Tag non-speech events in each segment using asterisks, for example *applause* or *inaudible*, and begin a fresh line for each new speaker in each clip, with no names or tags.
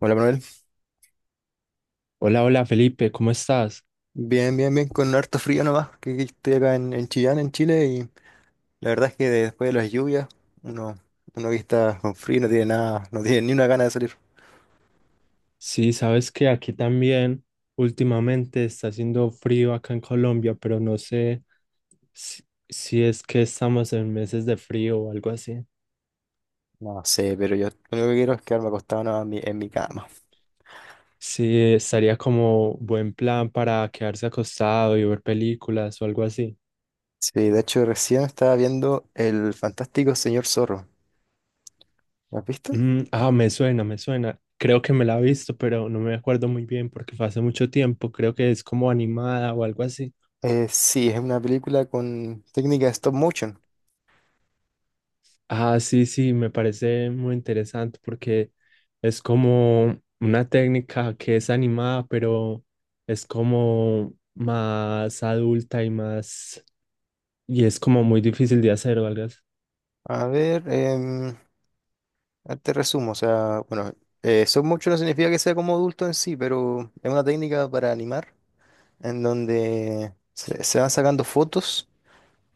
Hola Manuel,
Hola, hola Felipe, ¿cómo estás?
bien, bien, bien, con harto frío nomás, que estoy acá en Chillán, en Chile, y la verdad es que después de las lluvias, uno, uno que está con frío no tiene nada, no tiene ni una gana de salir.
Sí, sabes que aquí también últimamente está haciendo frío acá en Colombia, pero no sé si, si es que estamos en meses de frío o algo así.
No sé, pero yo lo único que quiero es quedarme acostado nomás en mi cama.
Sí, estaría como buen plan para quedarse acostado y ver películas o algo así.
Sí, de hecho recién estaba viendo El Fantástico Señor Zorro. ¿Lo has visto?
Mm, ah, me suena, me suena. Creo que me la he visto, pero no me acuerdo muy bien porque fue hace mucho tiempo. Creo que es como animada o algo así.
Sí, es una película con técnica de stop motion.
Ah, sí, sí, me parece muy interesante porque es como una técnica que es animada, pero es como más adulta y más, y es como muy difícil de hacer, ¿verdad?
A ver, te resumo, o sea, bueno, stop motion no significa que sea como adulto en sí, pero es una técnica para animar en donde se van sacando fotos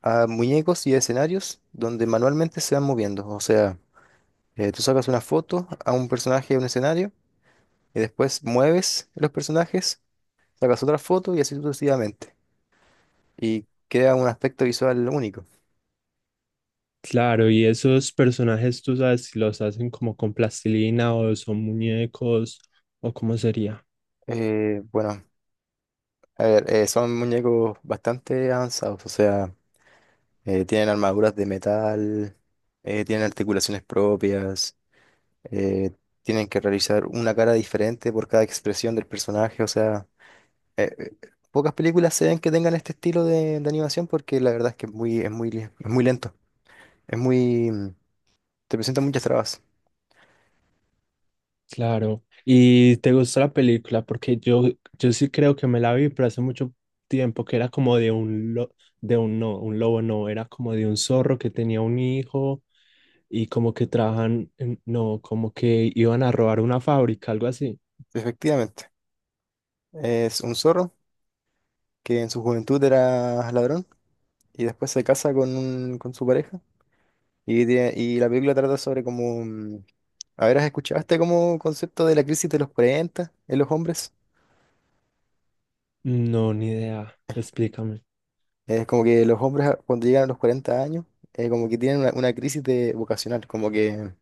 a muñecos y a escenarios donde manualmente se van moviendo. O sea, tú sacas una foto a un personaje de un escenario y después mueves los personajes, sacas otra foto y así sucesivamente. Y queda un aspecto visual único.
Claro, y esos personajes, tú sabes si los hacen como con plastilina o son muñecos o cómo sería.
Bueno, a ver, son muñecos bastante avanzados, o sea, tienen armaduras de metal, tienen articulaciones propias. eh, tienen que realizar una cara diferente por cada expresión del personaje, o sea, eh, eh, pocas películas se ven que tengan este estilo de animación porque la verdad es que es es muy lento, es muy, te presenta muchas trabas,
Claro. ¿Y te gustó la película? Porque yo sí creo que me la vi, pero hace mucho tiempo que era como de un lobo no, era como de un zorro que tenía un hijo y como que no, como que iban a robar una fábrica, algo así.
efectivamente. Es un zorro que en su juventud era ladrón y después se casa con su pareja y, y la película trata sobre como... a ver, ¿has escuchado este como concepto de la crisis de los 40 en los hombres?
No, ni idea. Explícame.
Es como que los hombres cuando llegan a los 40 años, como que tienen una crisis de vocacional, como que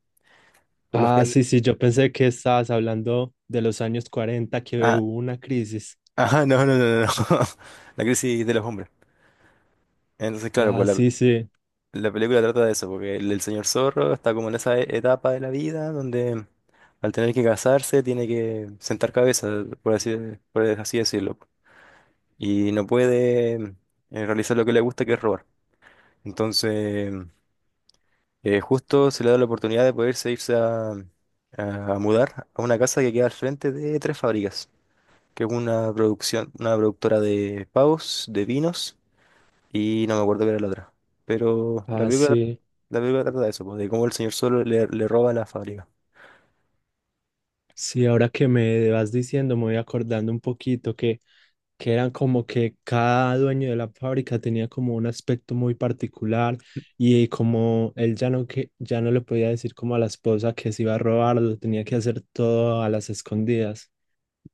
por los
Ah,
que...
sí, sí, yo pensé que estabas hablando de los años 40 que
Ah,
hubo una crisis.
ajá, no, no, no, no, no. *laughs* La crisis de los hombres. Entonces, claro,
Ah, sí, sí.
la película trata de eso, porque el señor zorro está como en esa etapa de la vida donde al tener que casarse tiene que sentar cabeza, por así, por así decirlo, y no puede realizar lo que le gusta, que es robar. Entonces... justo se le da la oportunidad de poderse irse a mudar a una casa que queda al frente de Tres Fábricas, que es una producción, una productora de pavos, de vinos y no me acuerdo qué era la otra. Pero
Ah, sí.
la película trata de eso, pues, de cómo el señor solo le roba la fábrica. *laughs*
Sí, ahora que me vas diciendo, me voy acordando un poquito que eran como que cada dueño de la fábrica tenía como un aspecto muy particular y como él ya no, que, ya no le podía decir como a la esposa que se iba a robar, lo tenía que hacer todo a las escondidas.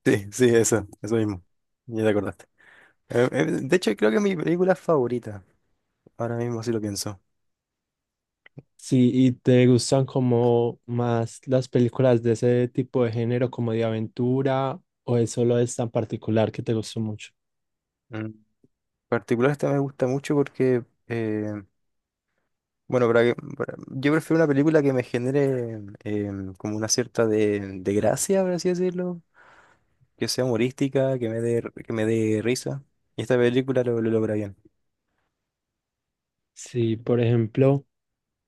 Sí, sí, eso mismo. Ya te acordaste. De hecho, creo que es mi película favorita, ahora mismo si lo pienso.
Sí, ¿y te gustan como más las películas de ese tipo de género, como de aventura, o es solo esta en particular que te gustó mucho?
En particular esta me gusta mucho porque bueno, yo prefiero una película que me genere como una cierta de gracia, por así decirlo, que sea humorística, que me que me dé risa. Y esta película lo logra bien.
Sí, por ejemplo,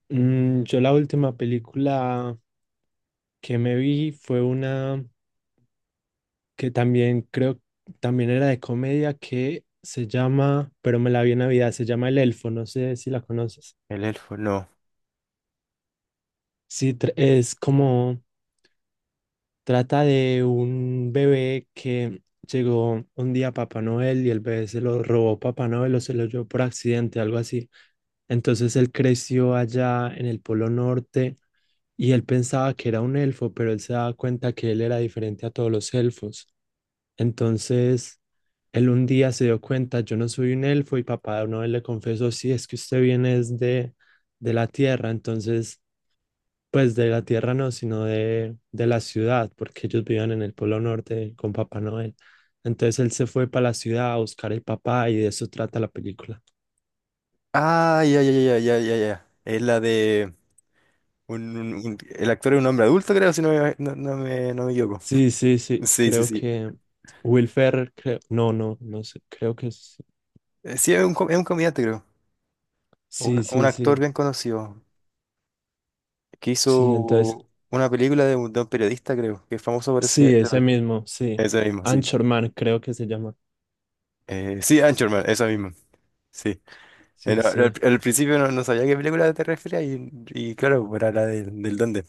yo la última película que me vi fue una que también era de comedia, que se llama, pero me la vi en Navidad, se llama El Elfo, no sé si la conoces.
El elfo, no.
Sí, es como trata de un bebé que llegó un día a Papá Noel y el bebé se lo robó Papá Noel o se lo llevó por accidente, algo así. Entonces él creció allá en el Polo Norte y él pensaba que era un elfo, pero él se daba cuenta que él era diferente a todos los elfos. Entonces él un día se dio cuenta, yo no soy un elfo y Papá Noel le confesó, sí, es que usted viene es de la tierra, entonces, pues de la tierra no, sino de la ciudad, porque ellos vivían en el Polo Norte con Papá Noel. Entonces él se fue para la ciudad a buscar el papá y de eso trata la película.
Ah, ya, ya, ya, ya, ya, ya. Es la de el actor es un hombre adulto, creo, si no me equivoco.
Sí, sí, sí,
Sí, sí,
creo
sí.
que Will Ferrell, creo, no, no, no sé, creo que
Sí, es es un comediante, creo.
sí,
Un
sí,
actor
sí,
bien conocido que
sí, entonces,
hizo una película de de un periodista, creo, que es famoso por
sí, ese mismo, sí,
ese mismo, sí.
Anchorman creo que se llama,
Sí, Anchorman, esa misma. Sí.
sí,
No,
sí.
al principio no, no sabía a qué película te referías y claro, era del duende.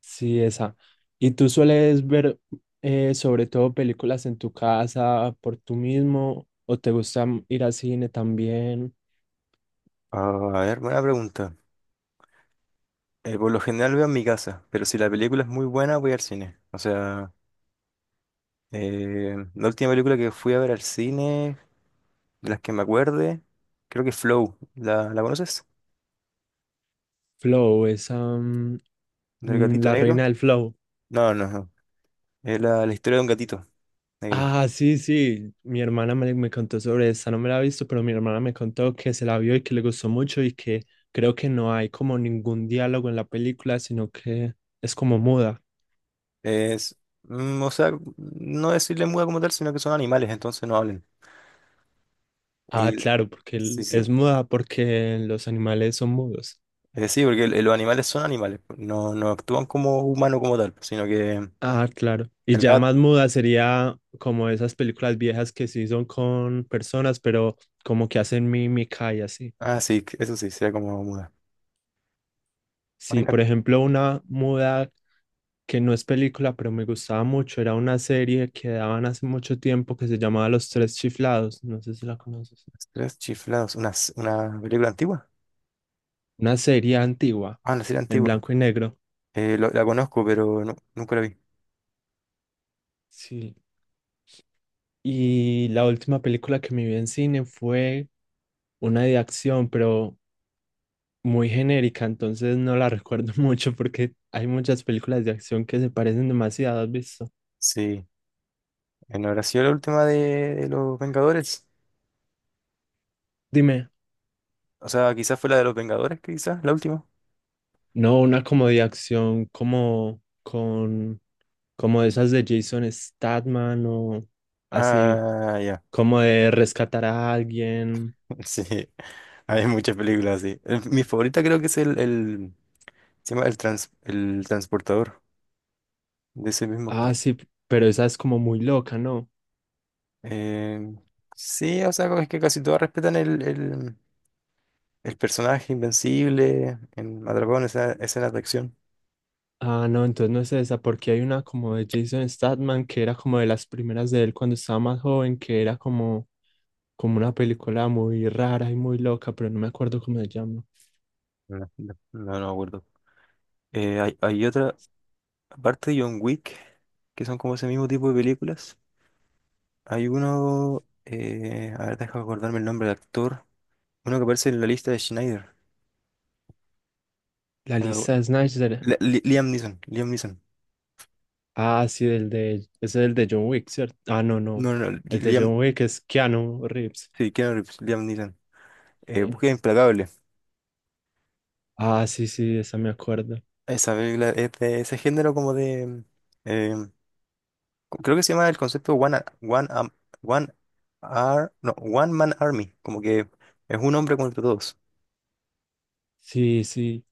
Sí, esa. ¿Y tú sueles ver sobre todo películas en tu casa por tú mismo o te gusta ir al cine también?
Ah, a ver, buena pregunta. Por lo general veo en mi casa, pero si la película es muy buena, voy al cine. O sea, la última película que fui a ver al cine, de las que me acuerde, creo que es Flow. La conoces?
Flow, esa,
¿Del gatito
la reina
negro?
del flow.
No, no, no. Es la historia de un gatito negro.
Ah, sí, sí, mi hermana me, me contó sobre esa, no me la ha visto, pero mi hermana me contó que se la vio y que le gustó mucho y que creo que no hay como ningún diálogo en la película, sino que es como muda.
Es, o sea, no decirle muda como tal, sino que son animales, entonces no hablan.
Ah,
Y
claro, porque
sí, sí.
es muda porque los animales son mudos.
Sí, porque los animales son animales, pues, no, no actúan como humanos como tal, sino que
Ah, claro. Y
el
ya
gato.
más muda sería como esas películas viejas que sí son con personas, pero como que hacen mímica y así.
Ah, sí, eso sí, sería como muda. Hay
Sí,
una
por ejemplo, una muda que no es película, pero me gustaba mucho, era una serie que daban hace mucho tiempo que se llamaba Los Tres Chiflados. No sé si la conoces.
tres chiflados, una película antigua.
Una serie antigua,
Ah, una serie
en
antigua.
blanco y negro.
La conozco, pero nunca la vi.
Sí. Y la última película que me vi en cine fue una de acción, pero muy genérica, entonces no la recuerdo *laughs* mucho porque hay muchas películas de acción que se parecen demasiado, ¿has visto?
Sí. ¿No habrá sido la última de los Vengadores?
Dime,
O sea, quizás fue la de los Vengadores, quizás, la última.
no, una como de acción como con como esas de Jason Statham o así,
Ah, ya.
como de rescatar a alguien.
*laughs* Sí. Hay muchas películas así. Mi favorita creo que es se llama el transportador. De ese mismo
Ah,
actor.
sí, pero esa es como muy loca, ¿no?
Eh, sí, o sea, como es que casi todos respetan el personaje invencible en Madragón, esa escena de acción.
Ah, no, entonces no es esa, porque hay una como de Jason Statham que era como de las primeras de él cuando estaba más joven, que era como como una película muy rara y muy loca, pero no me acuerdo cómo se llama.
No, no, no me acuerdo. Hay otra, aparte de John Wick, que son como ese mismo tipo de películas. Hay uno, a ver, deja acordarme el nombre del actor. Uno que aparece en la lista de Schneider.
La
Eh,
lista de Snyder.
Liam Neeson, Liam Neeson.
Ah, sí, el de, ese es el de John Wick, ¿cierto? Ah, no, no.
No, no, Li-
El de
Liam,
John Wick es Keanu Reeves.
sí, Keanu Reeves, Liam Neeson.
Sí.
Búsqueda Implacable.
Ah, sí, sí, esa me acuerdo.
Esa película es de ese género como de... eh, creo que se llama el concepto One, Ar- One, Am- One, Ar- no, One Man Army. Como que es un hombre contra todos.
Sí, sí.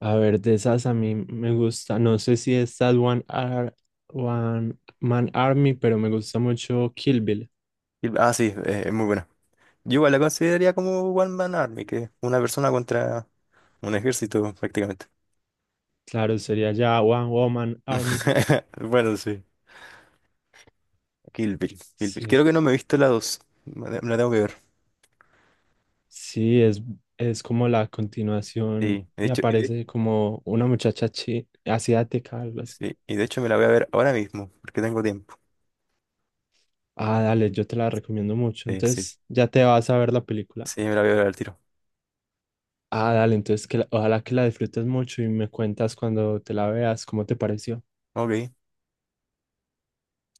A ver, de esas a mí me gusta. No sé si es That One, Ar- One Man Army, pero me gusta mucho Kill Bill.
Ah, sí, es muy buena. Yo igual la consideraría como One Man Army, que es una persona contra un ejército prácticamente.
Claro, sería ya One Woman Army.
*laughs* Bueno, sí. Kill Bill, Kill Bill.
Sí,
Creo
sí.
que no me he visto la dos. Me la tengo que ver.
Sí, es como la continuación
Sí, de
y
hecho,
aparece como una asiática, algo así.
sí, y de hecho me la voy a ver ahora mismo, porque tengo tiempo.
Ah, dale, yo te la recomiendo mucho.
Sí, sí,
Entonces ya te vas a ver la película.
sí, me la voy a ver al tiro.
Ah, dale, entonces que ojalá que la disfrutes mucho y me cuentas cuando te la veas cómo te pareció.
Ok.